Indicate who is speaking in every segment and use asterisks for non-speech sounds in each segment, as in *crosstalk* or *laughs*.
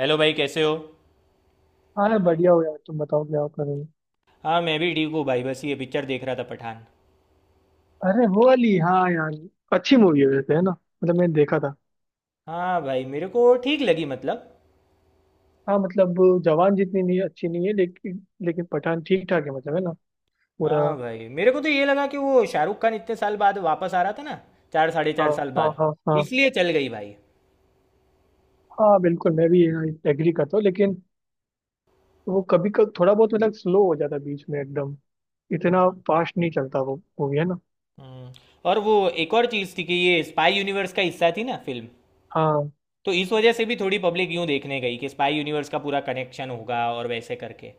Speaker 1: Hello भाई, कैसे हो।
Speaker 2: हाँ यार, बढ़िया हो। यार तुम बताओ क्या कर रहे हो।
Speaker 1: हाँ, मैं भी ठीक हूँ भाई। बस ये पिक्चर देख रहा था, पठान।
Speaker 2: अरे वो वाली, हाँ यार अच्छी मूवी है वैसे, है ना। मतलब मैंने देखा था।
Speaker 1: हाँ भाई, मेरे को ठीक लगी मतलब।
Speaker 2: हाँ मतलब जवान जितनी नहीं, अच्छी नहीं है लेकिन लेकिन पठान ठीक ठाक है मतलब, है ना पूरा।
Speaker 1: हाँ भाई, मेरे को तो ये लगा कि वो शाहरुख खान इतने साल बाद वापस आ रहा था ना। चार, साढ़े
Speaker 2: हाँ
Speaker 1: चार साल
Speaker 2: हाँ
Speaker 1: बाद।
Speaker 2: हाँ। हाँ,
Speaker 1: इसलिए चल गई भाई।
Speaker 2: हाँ बिल्कुल। मैं भी एग्री करता हूँ, लेकिन वो कभी कभी थोड़ा बहुत मतलब स्लो हो जाता है बीच में। एकदम इतना फास्ट नहीं चलता वो, मूवी है ना।
Speaker 1: हम्म, और वो एक और चीज़ थी कि ये स्पाई यूनिवर्स का हिस्सा थी ना फिल्म।
Speaker 2: हाँ,
Speaker 1: तो इस वजह से भी थोड़ी पब्लिक यूँ देखने गई कि स्पाई यूनिवर्स का पूरा कनेक्शन होगा और वैसे करके।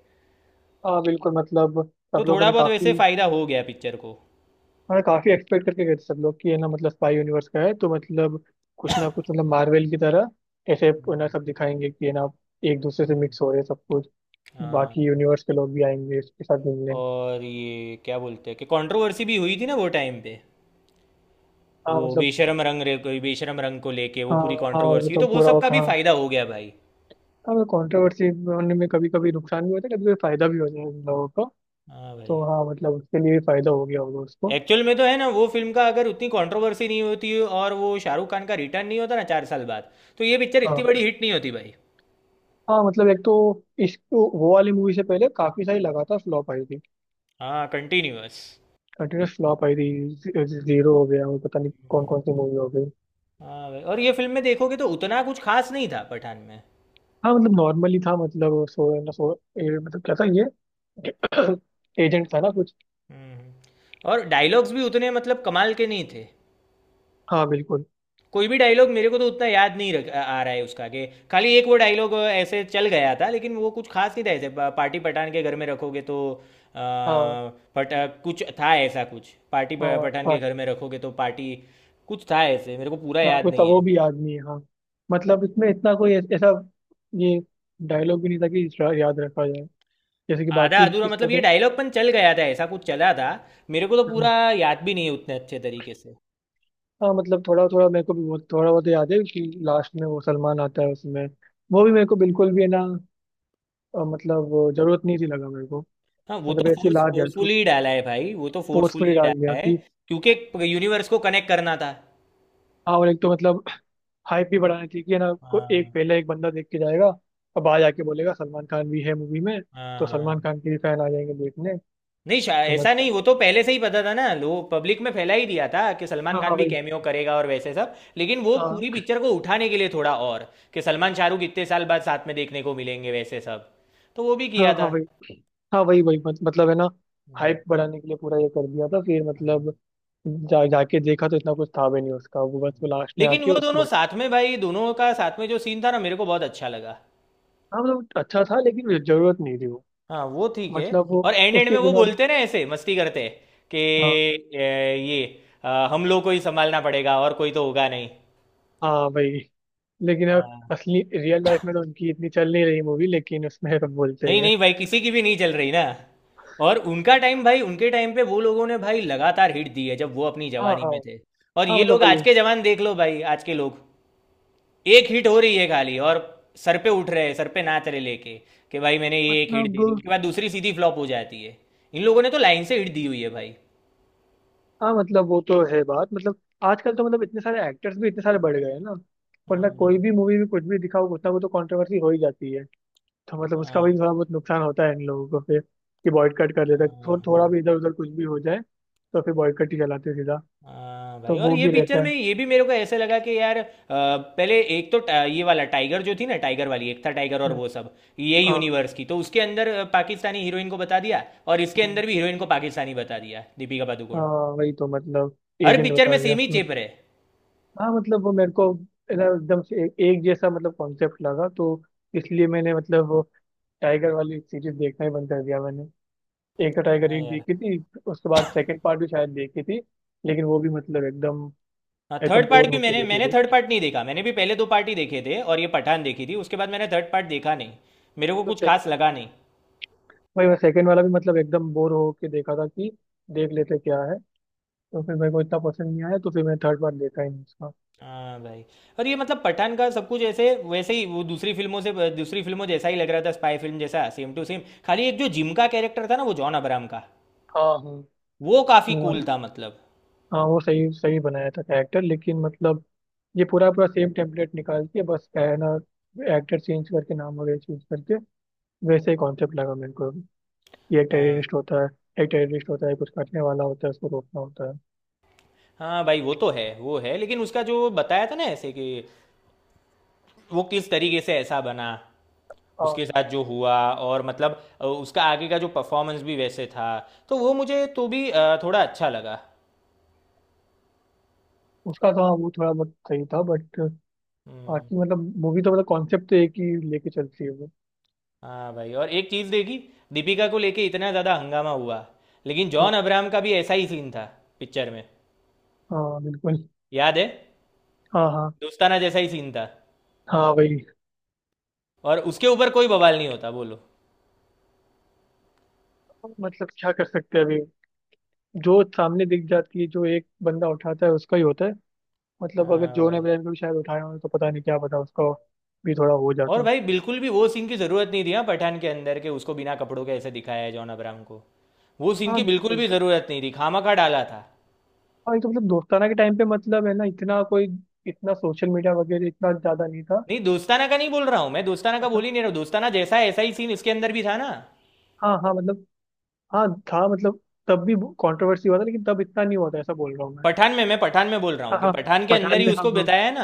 Speaker 2: हाँ बिल्कुल मतलब
Speaker 1: तो
Speaker 2: सब लोगों
Speaker 1: थोड़ा
Speaker 2: ने
Speaker 1: बहुत वैसे
Speaker 2: काफी,
Speaker 1: फ़ायदा हो गया पिक्चर को।
Speaker 2: हाँ काफी एक्सपेक्ट करके गए थे सब लोग कि ये ना, मतलब स्पाई यूनिवर्स का है तो मतलब कुछ ना कुछ मतलब मार्वल की तरह ऐसे ना
Speaker 1: हम्म,
Speaker 2: सब दिखाएंगे कि ये ना एक दूसरे से
Speaker 1: हम्म।
Speaker 2: मिक्स हो रहे हैं सब कुछ।
Speaker 1: हाँ,
Speaker 2: बाकी यूनिवर्स के लोग भी आएंगे इसके साथ मिलने।
Speaker 1: और ये क्या बोलते हैं कि कंट्रोवर्सी भी हुई थी ना वो टाइम पे।
Speaker 2: हाँ
Speaker 1: वो
Speaker 2: मतलब।
Speaker 1: बेशरम रंग रे, कोई बेशरम रंग को लेके वो
Speaker 2: हाँ
Speaker 1: पूरी
Speaker 2: हाँ वो
Speaker 1: कंट्रोवर्सी हुई,
Speaker 2: तो
Speaker 1: तो वो
Speaker 2: पूरा
Speaker 1: सब
Speaker 2: वो
Speaker 1: का भी
Speaker 2: कहाँ।
Speaker 1: फायदा हो गया भाई।
Speaker 2: हाँ कॉन्ट्रोवर्सी होने में कभी कभी नुकसान भी होता है, कभी कभी फायदा भी हो जाए उन लोगों को।
Speaker 1: हाँ भाई,
Speaker 2: तो हाँ मतलब उसके लिए भी फायदा हो गया होगा उसको।
Speaker 1: एक्चुअल में तो है ना, वो फिल्म का अगर उतनी कंट्रोवर्सी नहीं होती और वो शाहरुख खान का रिटर्न नहीं होता ना चार साल बाद। तो ये पिक्चर इतनी
Speaker 2: हाँ।
Speaker 1: बड़ी हिट नहीं होती भाई।
Speaker 2: हाँ मतलब एक तो इस वो वाली मूवी से पहले काफी सारी लगातार फ्लॉप आई थी।
Speaker 1: हाँ, कंटिन्यूअस।
Speaker 2: कंटिन्यूस फ्लॉप आई थी। जीरो हो गया और पता नहीं कौन कौन सी मूवी हो गई।
Speaker 1: हाँ भाई, और ये फिल्म में देखोगे तो उतना कुछ खास नहीं था पठान में।
Speaker 2: हाँ मतलब नॉर्मली था, मतलब सो ना सो, मतलब क्या था ये *clears throat* एजेंट था ना कुछ।
Speaker 1: हम्म और डायलॉग्स भी उतने मतलब कमाल के नहीं थे।
Speaker 2: हाँ बिल्कुल।
Speaker 1: कोई भी डायलॉग मेरे को तो उतना याद नहीं रख आ रहा है उसका कि। खाली एक वो डायलॉग ऐसे चल गया था, लेकिन वो कुछ खास नहीं था, ऐसे पार्टी पठान के घर में रखोगे तो। अ,
Speaker 2: हाँ
Speaker 1: पट। कुछ था, ऐसा कुछ पार्टी
Speaker 2: हाँ
Speaker 1: पठान के घर में रखोगे तो पार्टी। कुछ था ऐसे, मेरे को पूरा
Speaker 2: हाँ
Speaker 1: याद
Speaker 2: कुछ था,
Speaker 1: नहीं
Speaker 2: वो
Speaker 1: है।
Speaker 2: भी आदमी है हाँ। मतलब इसमें इतना कोई ऐसा ये डायलॉग भी नहीं था कि इसका याद रखा जाए जैसे कि
Speaker 1: आधा
Speaker 2: बाकी
Speaker 1: अधूरा
Speaker 2: इसमें
Speaker 1: मतलब ये
Speaker 2: तो।
Speaker 1: डायलॉग पन चल गया था, ऐसा कुछ चला था। मेरे को तो
Speaker 2: हम्म,
Speaker 1: पूरा याद भी नहीं है उतने अच्छे तरीके से।
Speaker 2: हाँ मतलब थोड़ा थोड़ा मेरे को भी, बहुत थोड़ा बहुत याद है कि लास्ट में वो सलमान आता है उसमें। वो भी मेरे को बिल्कुल भी है ना, मतलब वो जरूरत नहीं थी लगा मेरे को।
Speaker 1: हाँ, वो
Speaker 2: मतलब
Speaker 1: तो
Speaker 2: ऐसे ही
Speaker 1: फोर्स
Speaker 2: ला दिया उसको,
Speaker 1: फोर्सफुली ही डाला है भाई, वो तो
Speaker 2: फोर्स
Speaker 1: फोर्सफुली
Speaker 2: में ही
Speaker 1: ही
Speaker 2: डाल
Speaker 1: डाला
Speaker 2: दिया
Speaker 1: है।
Speaker 2: कि।
Speaker 1: क्योंकि यूनिवर्स को कनेक्ट करना था।
Speaker 2: हाँ, और एक तो मतलब हाइप भी बढ़ानी चाहिए कि, है ना, को एक
Speaker 1: हाँ
Speaker 2: पहले एक बंदा देख के जाएगा और बाहर जाके बोलेगा सलमान खान भी है मूवी में,
Speaker 1: हाँ
Speaker 2: तो
Speaker 1: हाँ
Speaker 2: सलमान
Speaker 1: हाँ।
Speaker 2: खान के भी फैन आ जाएंगे देखने।
Speaker 1: नहीं,
Speaker 2: तो
Speaker 1: ऐसा
Speaker 2: मतलब
Speaker 1: नहीं। वो तो पहले से ही पता था ना, लोग पब्लिक में फैला ही दिया था कि सलमान
Speaker 2: हाँ
Speaker 1: खान
Speaker 2: हाँ
Speaker 1: भी
Speaker 2: वही।
Speaker 1: कैमियो करेगा और वैसे सब, लेकिन वो
Speaker 2: हाँ।
Speaker 1: पूरी पिक्चर को उठाने के लिए थोड़ा और। कि सलमान शाहरुख इतने साल बाद साथ में देखने को मिलेंगे वैसे सब। तो वो भी
Speaker 2: हाँ
Speaker 1: किया
Speaker 2: हाँ
Speaker 1: था।
Speaker 2: वही। हाँ वही वही मत, मतलब है ना
Speaker 1: हम्म,
Speaker 2: हाइप बढ़ाने के लिए पूरा ये कर दिया था। फिर
Speaker 1: हाँ,
Speaker 2: मतलब जा जाके देखा तो इतना कुछ था भी नहीं उसका। वो बस वो लास्ट में
Speaker 1: लेकिन
Speaker 2: आके
Speaker 1: वो
Speaker 2: उसको
Speaker 1: दोनों
Speaker 2: बच।
Speaker 1: साथ में भाई, दोनों का साथ में जो सीन था ना मेरे को बहुत अच्छा लगा।
Speaker 2: हाँ मतलब अच्छा था लेकिन जरूरत नहीं थी वो,
Speaker 1: हाँ, वो ठीक है।
Speaker 2: मतलब वो
Speaker 1: और एंड एंड में
Speaker 2: उसके
Speaker 1: वो
Speaker 2: बिना।
Speaker 1: बोलते ना ऐसे मस्ती करते कि
Speaker 2: हाँ।
Speaker 1: ये हम लोग को ही संभालना पड़ेगा और कोई तो होगा नहीं।
Speaker 2: हाँ भाई, लेकिन अब असली रियल लाइफ में तो उनकी इतनी चल नहीं रही मूवी, लेकिन उसमें तो बोलते ही
Speaker 1: नहीं
Speaker 2: है।
Speaker 1: नहीं भाई, किसी की भी नहीं चल रही ना। और उनका टाइम भाई, उनके टाइम पे वो लोगों ने भाई लगातार हिट दी है जब वो अपनी
Speaker 2: हाँ
Speaker 1: जवानी
Speaker 2: हाँ।
Speaker 1: में थे। और
Speaker 2: हाँ
Speaker 1: ये
Speaker 2: मतलब
Speaker 1: लोग
Speaker 2: भाई
Speaker 1: आज के जवान देख लो भाई, आज के लोग। एक हिट हो रही है खाली, और सर पे उठ रहे हैं, सर पे नाच रहे लेके कि भाई मैंने ये एक
Speaker 2: मतलब,
Speaker 1: हिट दे दी, उसके बाद दूसरी सीधी फ्लॉप हो जाती है। इन लोगों ने तो लाइन से हिट दी हुई है भाई।
Speaker 2: हाँ मतलब वो तो है बात। मतलब आजकल तो मतलब इतने सारे एक्टर्स भी इतने सारे बढ़ गए हैं ना, वरना
Speaker 1: हम्म,
Speaker 2: कोई भी मूवी में कुछ भी दिखाओ कुछ ना कुछ तो कंट्रोवर्सी हो ही जाती है। तो मतलब उसका भी
Speaker 1: हाँ,
Speaker 2: थोड़ा बहुत नुकसान होता है इन लोगों को फिर, कि बॉयकट कर देता है।
Speaker 1: हाँ,
Speaker 2: थोड़ा
Speaker 1: हाँ।
Speaker 2: भी इधर उधर कुछ भी हो जाए तो फिर बॉयकट ही चलाते हैं सीधा,
Speaker 1: हाँ
Speaker 2: तो
Speaker 1: भाई, और
Speaker 2: वो
Speaker 1: ये
Speaker 2: भी रहता
Speaker 1: पिक्चर में
Speaker 2: है।
Speaker 1: ये भी मेरे को ऐसे लगा कि यार पहले एक तो ये वाला टाइगर जो थी ना, टाइगर वाली एक था टाइगर और
Speaker 2: हम्म,
Speaker 1: वो सब। ये
Speaker 2: हाँ।
Speaker 1: यूनिवर्स की तो उसके अंदर पाकिस्तानी हीरोइन को बता दिया, और इसके
Speaker 2: हम्म,
Speaker 1: अंदर भी हीरोइन को पाकिस्तानी बता दिया, दीपिका पादुकोण।
Speaker 2: हाँ वही तो मतलब
Speaker 1: हर
Speaker 2: एजेंट
Speaker 1: पिक्चर में
Speaker 2: बता दिया।
Speaker 1: सेम ही
Speaker 2: हम्म।
Speaker 1: चेप रहे।
Speaker 2: हाँ मतलब वो मेरे को है ना एकदम से एक जैसा मतलब कॉन्सेप्ट लगा, तो इसलिए मैंने मतलब वो टाइगर वाली सीरीज देखना ही बंद कर दिया मैंने। एक तो टाइगर
Speaker 1: हाँ
Speaker 2: एक
Speaker 1: यार।
Speaker 2: देखी थी, उसके बाद सेकंड पार्ट भी शायद देखी थी, लेकिन वो भी मतलब एकदम
Speaker 1: हाँ,
Speaker 2: एकदम
Speaker 1: थर्ड पार्ट
Speaker 2: बोर
Speaker 1: भी
Speaker 2: होके
Speaker 1: मैंने मैंने
Speaker 2: देखी
Speaker 1: थर्ड
Speaker 2: थी।
Speaker 1: पार्ट नहीं देखा। मैंने भी पहले दो पार्ट ही देखे थे और ये पठान देखी थी, उसके बाद मैंने थर्ड पार्ट देखा नहीं। मेरे को
Speaker 2: तो
Speaker 1: कुछ खास
Speaker 2: सेकंड
Speaker 1: लगा नहीं।
Speaker 2: भाई, मैं सेकंड वाला भी मतलब एकदम बोर होके देखा था कि देख लेते क्या है। तो फिर मेरे को इतना पसंद नहीं आया, तो फिर मैंने थर्ड पार्ट देखा ही नहीं उसका।
Speaker 1: हाँ भाई, और ये मतलब पठान का सब कुछ ऐसे वैसे ही वो दूसरी फिल्मों जैसा ही लग रहा था, स्पाई फिल्म जैसा सेम टू सेम। खाली एक जो जिम का कैरेक्टर था ना, वो जॉन अब्राहम का,
Speaker 2: हाँ।
Speaker 1: वो काफी
Speaker 2: हाँ
Speaker 1: कूल था मतलब।
Speaker 2: हाँ वो सही सही बनाया था कैरेक्टर, लेकिन मतलब ये पूरा पूरा सेम टेम्पलेट निकालती है बस, है ना, एक्टर चेंज करके नाम वगैरह चेंज करके। वैसे ही कॉन्सेप्ट लगा मेरे को भी। ये एक
Speaker 1: हाँ।
Speaker 2: टेररिस्ट होता है, एक टेररिस्ट होता है कुछ करने वाला होता है, उसको रोकना होता है।
Speaker 1: हाँ भाई, वो तो है वो है, लेकिन उसका जो बताया था ना ऐसे कि वो किस तरीके से ऐसा बना,
Speaker 2: हाँ
Speaker 1: उसके साथ जो हुआ, और मतलब उसका आगे का जो परफॉर्मेंस भी वैसे था, तो वो मुझे तो भी थोड़ा अच्छा लगा।
Speaker 2: उसका तो, हाँ वो थोड़ा बहुत सही था, बट
Speaker 1: हम्म।
Speaker 2: बाकी मतलब मूवी तो, मतलब कॉन्सेप्ट तो एक ही लेके चलती है वो।
Speaker 1: हाँ भाई, और एक चीज़ देखी। दीपिका को लेके इतना ज़्यादा हंगामा हुआ, लेकिन
Speaker 2: हम्म,
Speaker 1: जॉन अब्राहम का भी ऐसा ही सीन था पिक्चर में।
Speaker 2: हाँ बिल्कुल।
Speaker 1: याद है।
Speaker 2: हाँ हाँ।
Speaker 1: दोस्ताना जैसा ही सीन था।
Speaker 2: हाँ वही
Speaker 1: और उसके ऊपर कोई बवाल नहीं होता बोलो।
Speaker 2: मतलब क्या कर सकते हैं अभी। जो सामने दिख जाती है, जो एक बंदा उठाता है उसका ही होता है। मतलब अगर
Speaker 1: हाँ
Speaker 2: जोन
Speaker 1: भाई,
Speaker 2: अब्राहम को भी शायद उठाए हों तो पता नहीं, क्या पता उसका भी थोड़ा हो
Speaker 1: और
Speaker 2: जाता।
Speaker 1: भाई बिल्कुल भी वो सीन की ज़रूरत नहीं थी। हाँ, पठान के अंदर के उसको बिना कपड़ों के ऐसे दिखाया है जॉन अब्राहम को। वो सीन
Speaker 2: हाँ
Speaker 1: की बिल्कुल
Speaker 2: बिल्कुल।
Speaker 1: भी ज़रूरत नहीं थी, खामा खा डाला था।
Speaker 2: और ये तो मतलब दोस्ताना के टाइम पे मतलब, है ना, इतना कोई इतना सोशल मीडिया वगैरह इतना ज्यादा नहीं था।
Speaker 1: नहीं, दोस्ताना का नहीं बोल रहा हूँ मैं, दोस्ताना का
Speaker 2: अच्छा।
Speaker 1: बोल ही नहीं रहा हूँ। दोस्ताना जैसा है, ऐसा ही सीन इसके अंदर भी था ना,
Speaker 2: हाँ हाँ मतलब हाँ था मतलब तब भी कंट्रोवर्सी हुआ था, लेकिन तब इतना नहीं हुआ था ऐसा बोल रहा हूँ मैं।
Speaker 1: पठान में। मैं पठान में बोल रहा हूँ
Speaker 2: हाँ
Speaker 1: कि
Speaker 2: हाँ
Speaker 1: पठान के अंदर
Speaker 2: पठान
Speaker 1: ही
Speaker 2: में हाँ
Speaker 1: उसको
Speaker 2: हाँ।
Speaker 1: बताया है ना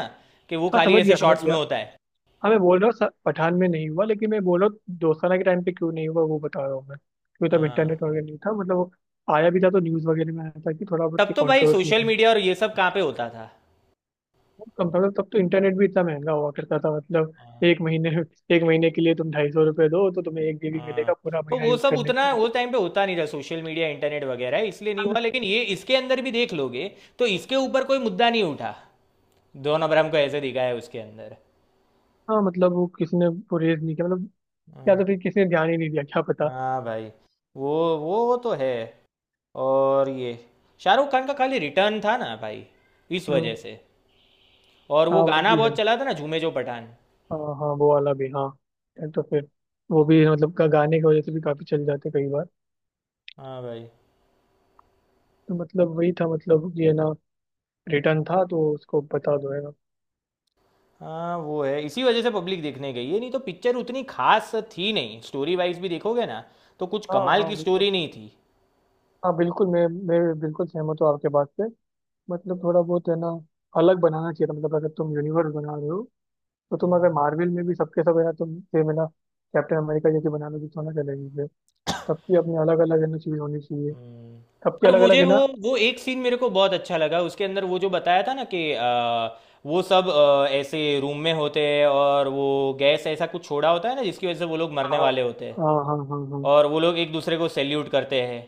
Speaker 1: कि वो
Speaker 2: हाँ
Speaker 1: खाली
Speaker 2: समझ
Speaker 1: ऐसे
Speaker 2: गया समझ
Speaker 1: शॉर्ट्स
Speaker 2: गया।
Speaker 1: में होता है।
Speaker 2: हाँ मैं बोल रहा हूँ पठान में नहीं हुआ लेकिन मैं बोल रहा हूँ दोस्ताना के टाइम पे क्यों नहीं हुआ वो बता रहा हूँ मैं, क्योंकि तब इंटरनेट
Speaker 1: हाँ,
Speaker 2: वगैरह नहीं था मतलब वो आया भी था तो न्यूज़ वगैरह में आया था कि थोड़ा बहुत
Speaker 1: तब तो भाई
Speaker 2: कंट्रोवर्सी।
Speaker 1: सोशल मीडिया और ये सब कहाँ पे होता था।
Speaker 2: कंप्यूटर तब तो इंटरनेट भी इतना महंगा हुआ करता था मतलब
Speaker 1: हाँ
Speaker 2: एक महीने, एक महीने के लिए तुम 250 रुपये दो तो तुम्हें 1 GB
Speaker 1: हाँ।
Speaker 2: मिलेगा पूरा
Speaker 1: तो
Speaker 2: महीना
Speaker 1: वो
Speaker 2: यूज
Speaker 1: सब
Speaker 2: करने के
Speaker 1: उतना
Speaker 2: लिए।
Speaker 1: वो टाइम पे होता नहीं था, सोशल मीडिया इंटरनेट वगैरह, इसलिए नहीं
Speaker 2: हाँ।
Speaker 1: हुआ। लेकिन ये इसके अंदर भी देख लोगे, तो इसके ऊपर कोई मुद्दा नहीं उठा। दोनों अब्राहम को ऐसे दिखाया है उसके अंदर।
Speaker 2: हाँ, मतलब वो किसने वो रेज नहीं किया मतलब, या तो फिर
Speaker 1: हाँ।
Speaker 2: किसी ने ध्यान ही नहीं दिया क्या पता।
Speaker 1: हाँ भाई, वो तो है। और ये शाहरुख खान का खाली रिटर्न था ना भाई, इस
Speaker 2: हम्म।
Speaker 1: वजह से। और
Speaker 2: हाँ
Speaker 1: वो
Speaker 2: वो
Speaker 1: गाना
Speaker 2: भी है।
Speaker 1: बहुत चला था ना, झूमे जो पठान।
Speaker 2: हाँ हाँ वो वाला भी हाँ है, तो फिर वो भी मतलब का गाने की वजह से भी काफी चल जाते कई बार।
Speaker 1: हाँ भाई।
Speaker 2: तो मतलब वही था मतलब ये ना रिटर्न था, तो उसको बता दो है ना।
Speaker 1: हाँ, वो है इसी वजह से पब्लिक देखने गई है, नहीं तो पिक्चर उतनी खास थी नहीं, स्टोरी वाइज भी देखोगे ना तो कुछ
Speaker 2: हाँ
Speaker 1: कमाल
Speaker 2: हाँ
Speaker 1: की
Speaker 2: बिल्कुल।
Speaker 1: स्टोरी नहीं थी।
Speaker 2: हाँ बिल्कुल, मैं बिल्कुल सहमत हूँ आपके बात से। मतलब थोड़ा बहुत है ना अलग बनाना चाहिए था। मतलब अगर तुम यूनिवर्स बना रहे हो तो तुम अगर
Speaker 1: हम्म,
Speaker 2: मार्वल में भी सबके सब, है ना, तुम सेम, है ना, कैप्टन अमेरिका जैसे बना लोगे तो ना चलेगी फिर। सबकी अपनी अलग अलग है ना चीज होनी चाहिए,
Speaker 1: हम्म।
Speaker 2: सबकी
Speaker 1: पर
Speaker 2: अलग अलग
Speaker 1: मुझे
Speaker 2: है ना।
Speaker 1: वो एक सीन मेरे को बहुत अच्छा लगा उसके अंदर, वो जो बताया था ना कि वो सब ऐसे रूम में होते हैं, और वो गैस ऐसा कुछ छोड़ा होता है ना जिसकी वजह से वो लोग मरने
Speaker 2: हाँ
Speaker 1: वाले होते हैं।
Speaker 2: हाँ हाँ हाँ हाँ हाँ।
Speaker 1: और वो लोग एक दूसरे को सैल्यूट करते हैं,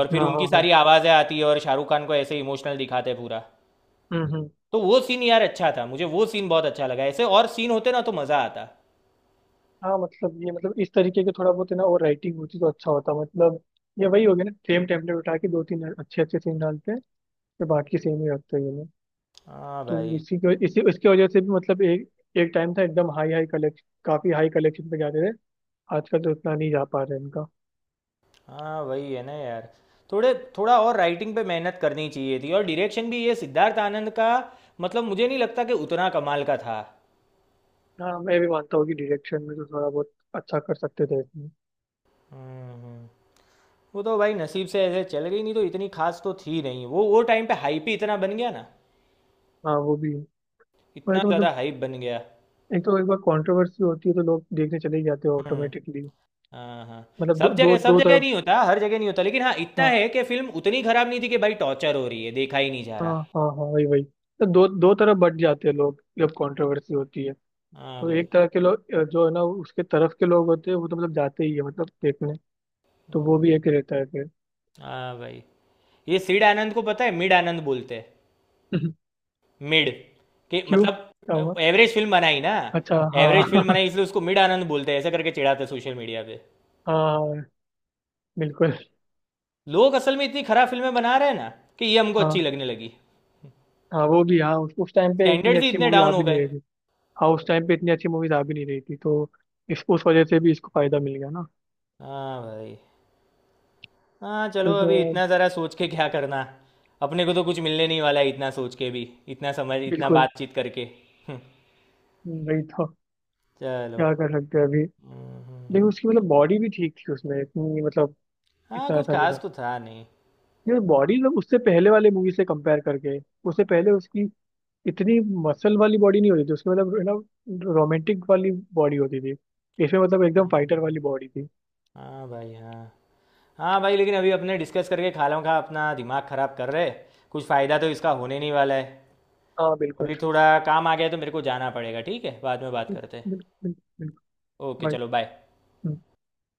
Speaker 1: और फिर
Speaker 2: हाँ हाँ
Speaker 1: उनकी
Speaker 2: हाँ।
Speaker 1: सारी आवाज़ें आती है और शाहरुख खान को ऐसे इमोशनल दिखाते हैं पूरा।
Speaker 2: हम्म।
Speaker 1: तो वो सीन यार अच्छा था, मुझे वो सीन बहुत अच्छा लगा, ऐसे और सीन होते ना तो मज़ा आता।
Speaker 2: हाँ मतलब ये मतलब इस तरीके के थोड़ा बहुत है ना और राइटिंग होती तो अच्छा होता मतलब। ये वही हो गया ना, सेम टेम्पलेट उठा के दो तीन अच्छे अच्छे सीन डालते हैं, फिर बाकी सेम ही रखते हैं ये लोग।
Speaker 1: हाँ
Speaker 2: तो
Speaker 1: भाई।
Speaker 2: इसी के इसी इसकी वजह से भी मतलब एक, एक टाइम था एकदम हाई हाई कलेक्शन, काफी हाई कलेक्शन पे जाते थे। आजकल तो उतना नहीं जा पा रहे इनका।
Speaker 1: हाँ वही है ना यार। थोड़े, थोड़ा और राइटिंग पे मेहनत करनी चाहिए थी, और डायरेक्शन भी ये सिद्धार्थ आनंद का, मतलब मुझे नहीं लगता कि उतना कमाल का था।
Speaker 2: हाँ मैं भी मानता हूँ कि डायरेक्शन में तो थोड़ा बहुत अच्छा कर सकते थे इसमें।
Speaker 1: हम्म हम्म। वो तो भाई नसीब से ऐसे चल गई, नहीं तो इतनी खास तो थी नहीं, वो टाइम पे हाइप ही इतना बन गया ना,
Speaker 2: हाँ वो भी है। वही
Speaker 1: इतना
Speaker 2: तो
Speaker 1: ज़्यादा
Speaker 2: मतलब
Speaker 1: हाइप बन गया।
Speaker 2: एक तो एक बार कंट्रोवर्सी होती है तो लोग देखने चले ही जाते हैं
Speaker 1: हम्म।
Speaker 2: ऑटोमेटिकली।
Speaker 1: हाँ हाँ।
Speaker 2: मतलब दो
Speaker 1: सब
Speaker 2: दो
Speaker 1: जगह, सब
Speaker 2: दो
Speaker 1: जगह
Speaker 2: तरफ।
Speaker 1: नहीं होता, हर जगह नहीं होता। लेकिन हाँ, इतना
Speaker 2: हाँ
Speaker 1: है कि फिल्म उतनी खराब नहीं थी कि भाई टॉर्चर हो रही है, देखा ही नहीं जा
Speaker 2: हाँ
Speaker 1: रहा।
Speaker 2: हाँ। हाँ वही वही तो दो दो तरफ बट जाते हैं लोग जब कंट्रोवर्सी होती है।
Speaker 1: हाँ
Speaker 2: तो
Speaker 1: भाई।
Speaker 2: एक तरह के लोग, जो है ना उसके तरफ के लोग होते हैं वो तो मतलब जाते ही है मतलब देखने, तो वो
Speaker 1: हम्म,
Speaker 2: भी एक रहता है फिर।
Speaker 1: हाँ भाई, ये सीड आनंद को पता है मिड आनंद बोलते हैं।
Speaker 2: *laughs*
Speaker 1: मिड के
Speaker 2: क्यों, क्या
Speaker 1: मतलब
Speaker 2: हुआ।
Speaker 1: एवरेज फिल्म बनाई ना।
Speaker 2: अच्छा
Speaker 1: एवरेज
Speaker 2: हाँ।
Speaker 1: फिल्म
Speaker 2: *laughs*
Speaker 1: बनाई इसलिए उसको मिड आनंद बोलते हैं, ऐसा करके चिढ़ाते हैं सोशल मीडिया पे।
Speaker 2: हाँ बिल्कुल।
Speaker 1: लोग असल में इतनी खराब फिल्में बना रहे हैं ना कि ये हमको अच्छी
Speaker 2: हाँ
Speaker 1: लगने लगी।
Speaker 2: हाँ वो भी हाँ उस टाइम पे इतनी
Speaker 1: स्टैंडर्ड्स ही
Speaker 2: अच्छी
Speaker 1: इतने
Speaker 2: मूवी आ
Speaker 1: डाउन हो
Speaker 2: भी नहीं
Speaker 1: गए।
Speaker 2: रही थी। हाँ उस टाइम पे इतनी अच्छी मूवीज आ भी नहीं रही थी तो इस उस वजह से भी इसको फायदा मिल गया ना।
Speaker 1: हाँ भाई। हाँ
Speaker 2: तो,
Speaker 1: चलो, अभी
Speaker 2: तो
Speaker 1: इतना ज़रा सोच के क्या करना। अपने को तो कुछ मिलने नहीं वाला है इतना सोच के भी, इतना समझ, इतना
Speaker 2: बिल्कुल।
Speaker 1: बातचीत करके। हम्म,
Speaker 2: वही तो
Speaker 1: चलो।
Speaker 2: क्या कर सकते हैं अभी।
Speaker 1: हम्म, हम्म,
Speaker 2: लेकिन
Speaker 1: हम्म।
Speaker 2: उसकी मतलब बॉडी भी ठीक थी उसमें इतनी मतलब,
Speaker 1: हाँ,
Speaker 2: इतना
Speaker 1: कुछ
Speaker 2: ऐसा नहीं
Speaker 1: खास
Speaker 2: था।
Speaker 1: तो था नहीं।
Speaker 2: ये बॉडी मतलब उससे पहले वाले मूवी से कंपेयर करके, उससे पहले उसकी इतनी मसल वाली बॉडी नहीं होती थी उसकी, मतलब है ना, रोमांटिक वाली बॉडी होती थी। इसमें मतलब एकदम फाइटर
Speaker 1: हम्म,
Speaker 2: वाली बॉडी थी।
Speaker 1: हाँ भाई। हाँ। हाँ भाई, लेकिन अभी अपने डिस्कस करके खालों का अपना दिमाग ख़राब कर रहे, कुछ फ़ायदा तो इसका होने नहीं वाला है।
Speaker 2: हाँ
Speaker 1: अभी
Speaker 2: बिल्कुल
Speaker 1: थोड़ा काम आ गया है, तो मेरे को जाना पड़ेगा। ठीक है, बाद में बात करते हैं।
Speaker 2: बिल्कुल बिल्कुल। बिल्कुल,
Speaker 1: ओके,
Speaker 2: बाय।
Speaker 1: चलो, बाय।
Speaker 2: हम्म।